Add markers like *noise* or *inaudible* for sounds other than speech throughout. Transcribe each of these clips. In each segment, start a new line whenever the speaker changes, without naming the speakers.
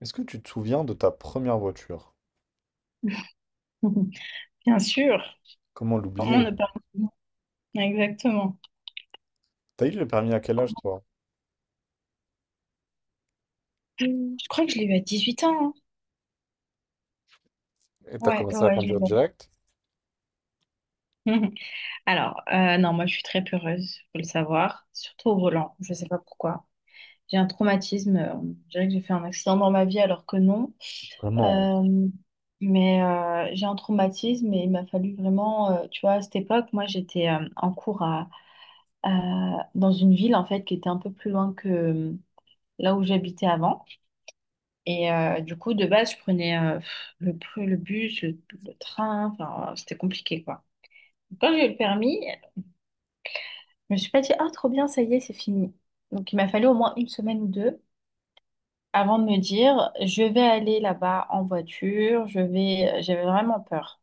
Est-ce que tu te souviens de ta première voiture?
*laughs* Bien sûr.
Comment
Comment
l'oublier?
ne pas... Exactement.
T'as eu le permis à quel âge, toi?
Je crois que je l'ai eu à 18 ans. Hein.
Et t'as
Ouais, ouais,
commencé à
ouais, je l'ai
conduire direct?
eu. *laughs* Alors, non, moi, je suis très peureuse, faut le savoir, surtout au volant. Je sais pas pourquoi. J'ai un traumatisme. Je dirais que j'ai fait un accident dans ma vie alors que non.
Vraiment?
Euh, mais j'ai un traumatisme et il m'a fallu vraiment, tu vois, à cette époque, moi, j'étais en cours dans une ville, en fait, qui était un peu plus loin que là où j'habitais avant. Et du coup, de base, je prenais le bus, le train, enfin, c'était compliqué, quoi. Quand j'ai eu le permis, je me suis pas dit, ah, trop bien, ça y est, c'est fini. Donc, il m'a fallu au moins une semaine ou deux avant de me dire, je vais aller là-bas en voiture. J'avais vraiment peur.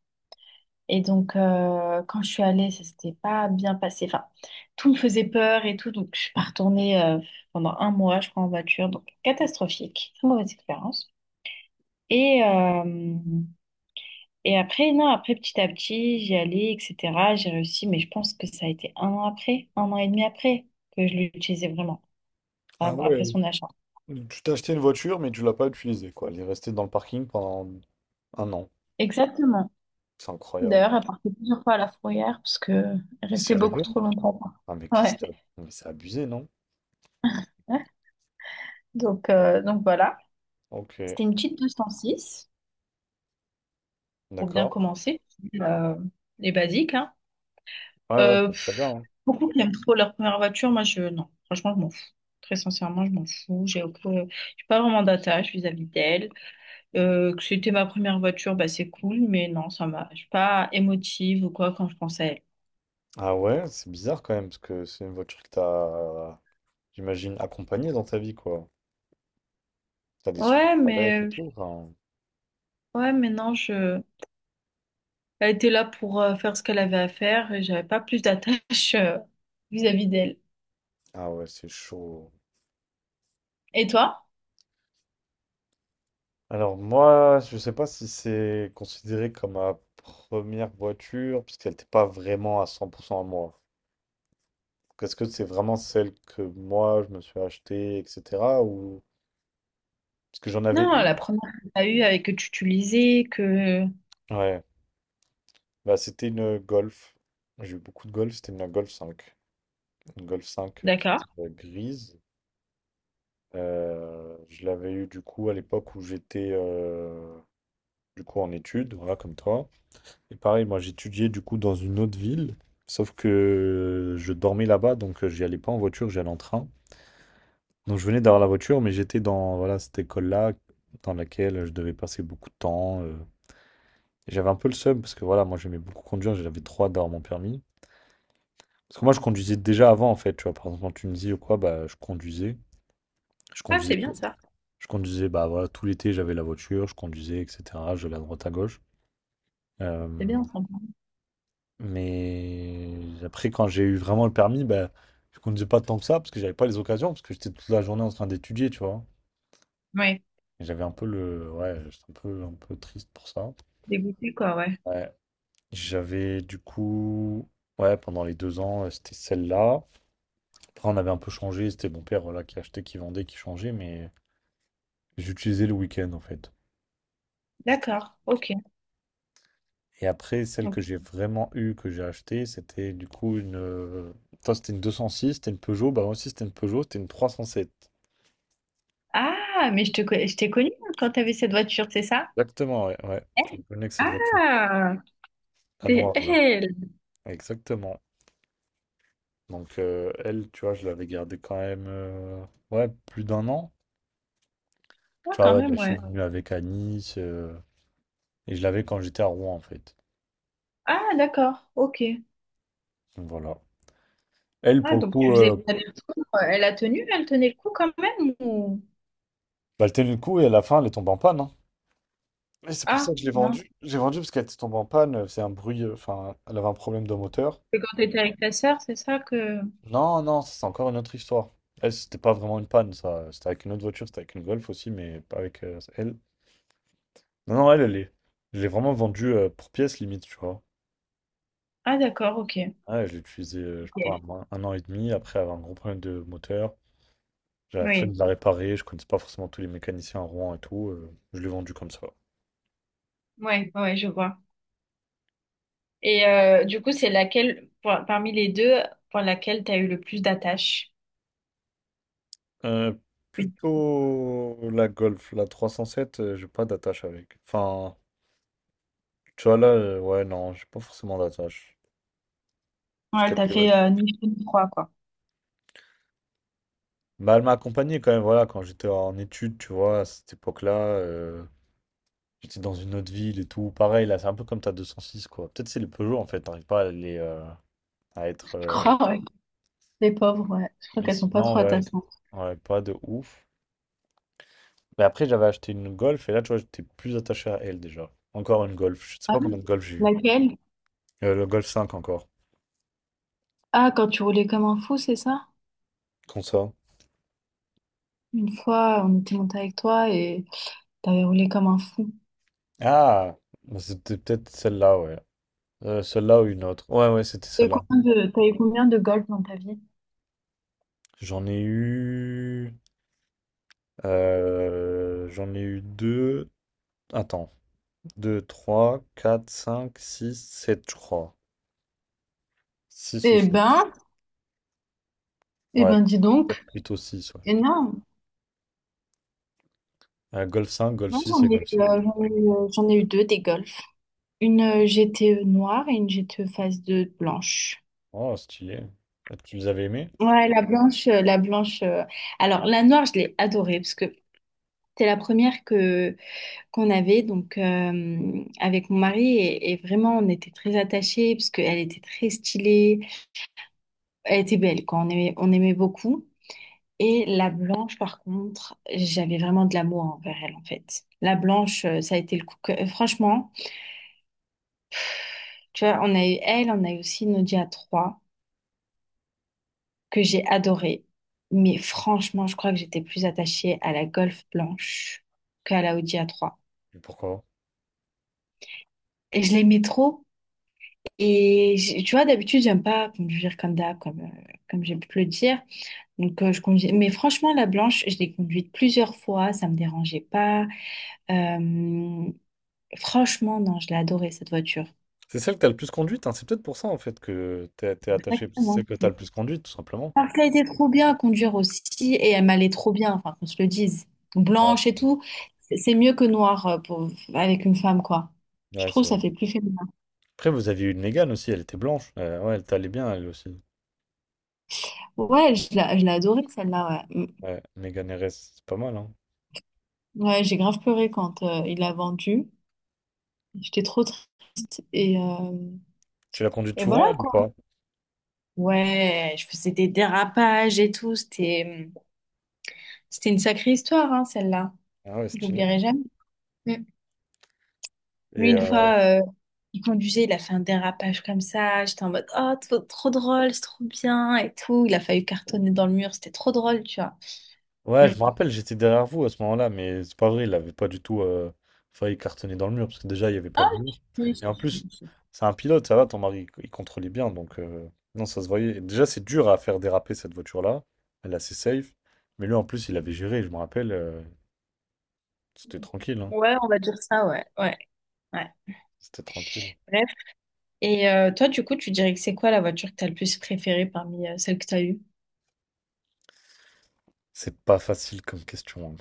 Et donc, quand je suis allée, ça s'était pas bien passé. Enfin, tout me faisait peur et tout, donc je suis pas retournée pendant un mois, je crois, en voiture. Donc, catastrophique, très mauvaise expérience. Et... euh, Et après, non, après, petit à petit, j'y allais, etc. J'ai réussi, mais je pense que ça a été un an après, un an et demi après, que je l'utilisais vraiment,
Ah
après
ouais,
son achat.
tu t'es acheté une voiture, mais tu l'as pas utilisée, quoi. Elle est restée dans le parking pendant un an.
Exactement.
C'est incroyable.
D'ailleurs, elle partait plusieurs fois à la fourrière parce que elle restait beaucoup
Sérieux?
trop longtemps.
Ah mais qu'est-ce
Ouais.
que t'as- mais c'est abusé, non?
Donc,
Ah,
euh, donc voilà.
ok,
C'était une petite 206 pour bien
d'accord.
commencer. Euh, les basiques, hein.
Ouais, ouais,
Euh,
c'est très bien,
pff,
hein.
Beaucoup qui aiment trop leur première voiture. Moi, non. Franchement, je m'en fous. Très sincèrement, je m'en fous. J'ai pas vraiment d'attache vis-à-vis d'elle. Que c'était ma première voiture, bah c'est cool, mais non, je suis pas émotive ou quoi quand je pense à elle.
Ah ouais, c'est bizarre quand même, parce que c'est une voiture que t'as, j'imagine, accompagnée dans ta vie, quoi. T'as des souvenirs
Ouais,
avec et
mais
tout, enfin.
ouais, mais non, elle était là pour faire ce qu'elle avait à faire et j'avais pas plus d'attache vis-à-vis d'elle.
Ah ouais, c'est chaud.
Et toi?
Alors moi, je sais pas si c'est considéré comme ma première voiture, puisqu'elle n'était pas vraiment à 100% à moi. Est-ce que c'est vraiment celle que moi, je me suis achetée, etc. ou. Parce que j'en avais
Non, la
une.
première que t'as eue avec que tu utilisais, que
Ouais, bah, c'était une Golf. J'ai eu beaucoup de Golf, c'était une Golf 5. Une Golf 5, qui
d'accord.
était, grise. Je l'avais eu du coup à l'époque où j'étais, du coup en études, voilà, comme toi. Et pareil, moi j'étudiais du coup dans une autre ville, sauf que je dormais là-bas, donc j'y allais pas en voiture, j'y allais en train. Donc je venais d'avoir la voiture, mais j'étais dans voilà, cette école-là, dans laquelle je devais passer beaucoup de temps. Et j'avais un peu le seum, parce que voilà, moi j'aimais beaucoup conduire, j'avais trop hâte d'avoir mon permis. Parce que moi je conduisais déjà avant en fait, tu vois, par exemple en Tunisie ou quoi, bah je conduisais. Je
Ah,
conduisais
c'est bien
tout.
ça,
Je conduisais, bah voilà, tout l'été j'avais la voiture, je conduisais, etc. Je vais à droite à gauche.
c'est
Euh,
bien sympa.
Mais après, quand j'ai eu vraiment le permis, ben, je conduisais pas tant que ça parce que j'avais pas les occasions, parce que j'étais toute la journée en train d'étudier, tu vois.
Ouais,
Et j'avais un peu le. Ouais, j'étais un peu triste pour ça.
dégoûté quoi, ouais.
Ouais. J'avais du coup. Ouais, pendant les 2 ans, c'était celle-là. Après, on avait un peu changé. C'était mon père voilà, qui achetait, qui vendait, qui changeait, mais j'utilisais le week-end en fait. J'utilisais
D'accord,
le week-end.
ok.
Et après, celle que
Donc-
j'ai vraiment eue, que j'ai achetée, c'était du coup une. Toi, c'était une 206, c'était une Peugeot. Bah, moi aussi, c'était une Peugeot, c'était une 307.
Ah, mais je t'ai connue quand t'avais cette voiture, c'est ça?
Exactement, ouais, ouais. Je
Eh,
me connais que cette voiture.
ah,
La
c'est
noire, là.
elle.
Exactement. Donc, elle, tu vois, je l'avais gardée quand même, ouais, plus d'un an. Tu
Ah,
vois,
quand
ouais, bah,
même,
je suis
ouais.
venu avec à Nice, et je l'avais quand j'étais à Rouen, en fait.
Ah, d'accord, ok.
Donc, voilà. Elle,
Ah,
pour le
donc tu
coup,
faisais l'aller-retour. Elle a tenu, elle tenait le coup quand même ou...
bah, elle tenait le coup, et à la fin, elle est tombée en panne, hein. Et c'est pour
Ah,
ça que je l'ai
mince.
vendue. J'ai vendu parce qu'elle était tombée en panne, c'est un bruit, enfin, elle avait un problème de moteur.
C'est quand t'étais avec ta sœur, c'est ça que...
Non, non, ça, c'est encore une autre histoire. Elle, c'était pas vraiment une panne, ça. C'était avec une autre voiture, c'était avec une Golf aussi, mais pas avec elle. Non, non, elle, elle est. Je l'ai vraiment vendue pour pièce limite, tu vois.
Ah, d'accord, ok.
Ouais, je l'ai utilisée, je sais pas,
Ok.
un an et demi, après avoir un gros problème de moteur. J'ai la flemme
Oui,
de la réparer, je connaissais pas forcément tous les mécaniciens à Rouen et tout. Je l'ai vendue comme ça.
ouais, ouais, ouais, je vois. Et du coup, c'est laquelle, parmi les deux, pour laquelle t'as eu le plus d'attache?
Euh,
Une.
Plutôt la Golf, la 307, j'ai pas d'attache avec. Enfin, tu vois là, ouais, non, j'ai pas forcément d'attache. Parce
Ouais, elle
qu'elle
t'a
était
fait ni chaud ni froid, quoi.
Bah, elle m'a accompagné quand même, voilà, quand j'étais en études, tu vois, à cette époque-là, j'étais dans une autre ville et tout. Pareil, là, c'est un peu comme ta 206, quoi. Peut-être c'est les Peugeot, en fait, t'arrives pas à les, à
Je
être.
crois, ouais. Les pauvres, ouais. Je crois
Mais
qu'elles sont pas trop
sinon, ouais,
attachantes.
ouais, pas de ouf. Mais après, j'avais acheté une Golf, et là, tu vois, j'étais plus attaché à elle, déjà. Encore une Golf, je sais
Ah,
pas combien
oui.
de Golf j'ai eu.
Laquelle?
Le Golf 5, encore.
Ah, quand tu roulais comme un fou, c'est ça?
Qu'on ça?
Une fois, on était monté avec toi et... T'as roulé comme un fou.
Ah! Bah, c'était peut-être celle-là, ouais. Celle-là ou une autre. Ouais, ouais, c'était
T'as eu
celle-là.
combien de, t'as eu combien de golf dans ta vie?
J'en ai eu. J'en ai eu deux. Attends. Deux, trois, quatre, cinq, six, sept, je crois. Six ou
Eh
sept.
ben, eh
Ouais,
ben, dis donc.
plutôt six, ouais.
Énorme.
Golf 5, Golf
Moi,
6 et Golf 7.
j'en ai eu deux des golfs. Une GTE noire et une GTE phase 2 blanche.
Oh, stylé. Tu les avais aimés?
Ouais, la blanche. Alors, la noire, je l'ai adorée parce que c'était la première que qu'on avait donc avec mon mari et vraiment on était très attachés parce qu'elle était très stylée, elle était belle quoi. On aimait beaucoup. Et la blanche, par contre, j'avais vraiment de l'amour envers elle, en fait. La blanche, ça a été le coup. Franchement, tu vois, on a eu elle, on a eu aussi Nadia 3, que j'ai adorée. Mais franchement, je crois que j'étais plus attachée à la Golf blanche qu'à la Audi A3.
Et pourquoi?
Et je l'aimais trop. Tu vois, d'habitude, j'aime pas conduire comme d'hab, comme j'ai pu te le dire. Donc, je conduis. Mais franchement, la blanche, je l'ai conduite plusieurs fois, ça me dérangeait pas. Euh, Franchement, non, je l'ai adorée, cette voiture.
C'est celle que t'as le plus conduite, hein. C'est peut-être pour ça, en fait, que t'es attaché. C'est celle
Vraiment,
que t'as
c'est-
le plus conduite, tout simplement.
Parce qu'elle était trop bien à conduire aussi et elle m'allait trop bien, enfin, qu'on se le dise.
Ouais, c'est
Blanche et
vrai.
tout, c'est mieux que noir avec une femme, quoi. Je
Ouais,
trouve
c'est
que
vrai.
ça fait plus féminin.
Après, vous aviez eu une Mégane aussi, elle était blanche. Ouais, elle t'allait bien, elle aussi.
Ouais, je l'ai adorée, celle-là, ouais. Mm.
Ouais, Mégane RS, c'est pas mal, hein.
Ouais, j'ai grave pleuré quand il l'a vendue. J'étais trop triste et, euh,
Tu l'as conduite
et
souvent,
voilà,
elle, ou
quoi.
pas?
Ouais, je faisais des dérapages et tout. C'était une sacrée histoire, hein, celle-là.
Ah ouais,
Je
stylé.
l'oublierai jamais. Lui,
Et
une fois, il conduisait, il a fait un dérapage comme ça. J'étais en mode, oh, trop, trop drôle, c'est trop bien et tout. Il a failli cartonner dans le mur, c'était trop drôle, tu vois.
ouais,
Mm.
je me rappelle, j'étais derrière vous à ce moment-là, mais c'est pas vrai, il avait pas du tout failli cartonner dans le mur, parce que déjà, il n'y avait pas
Ah,
de mur.
oui,
Et en
si,
plus,
si, si.
c'est un pilote, ça va, ton mari, il contrôlait bien, donc non, ça se voyait. Et déjà, c'est dur à faire déraper cette voiture-là, elle est assez safe, mais lui, en plus, il avait géré, je me rappelle, c'était tranquille, hein,
Ouais, on va dire ça, ouais, ouais, ouais.
c'était tranquille.
Bref. Et toi, du coup, tu dirais que c'est quoi la voiture que t'as le plus préférée parmi celles que t'as eues?
C'est pas facile comme question, hein.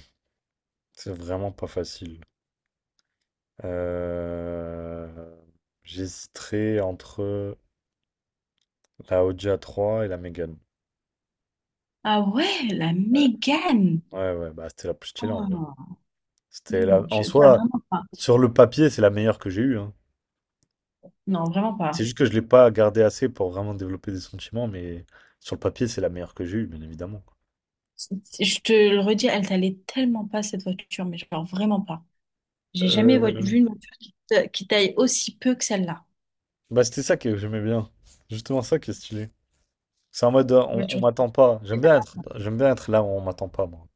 C'est vraiment pas facile. Euh... J'hésiterais entre la Audi A3 et la Mégane.
Ah ouais, la Mégane!
Ouais, ouais, bah c'était la plus stylée en vrai.
Oh, hmm,
En
pas
soi,
vraiment pas.
sur le papier, c'est la meilleure que j'ai eue, hein.
Non, vraiment
C'est
pas.
juste que je l'ai pas gardée assez pour vraiment développer des sentiments, mais sur le papier, c'est la meilleure que j'ai eue, bien évidemment.
C'est- Je te le redis, elle t'allait tellement pas cette voiture, mais genre vraiment pas. J'ai jamais
Euh,
vu une voiture qui taille aussi peu que celle-là.
Bah c'était ça que j'aimais bien. Justement ça qui est stylé. C'est en mode on
Voiture.
m'attend pas. J'aime bien être là où on m'attend pas, moi.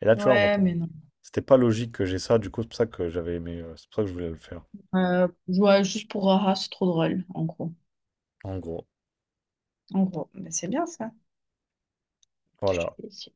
Et là, tu vois, on
Ouais,
m'attend. pas.
mais non.
C'était pas logique que j'ai ça, du coup, c'est pour ça que j'avais aimé. C'est pour ça que je voulais le faire.
Ouais, juste pour Haha, c'est trop drôle, en gros.
En gros.
En gros, mais c'est bien ça. Je te
Voilà.
félicite.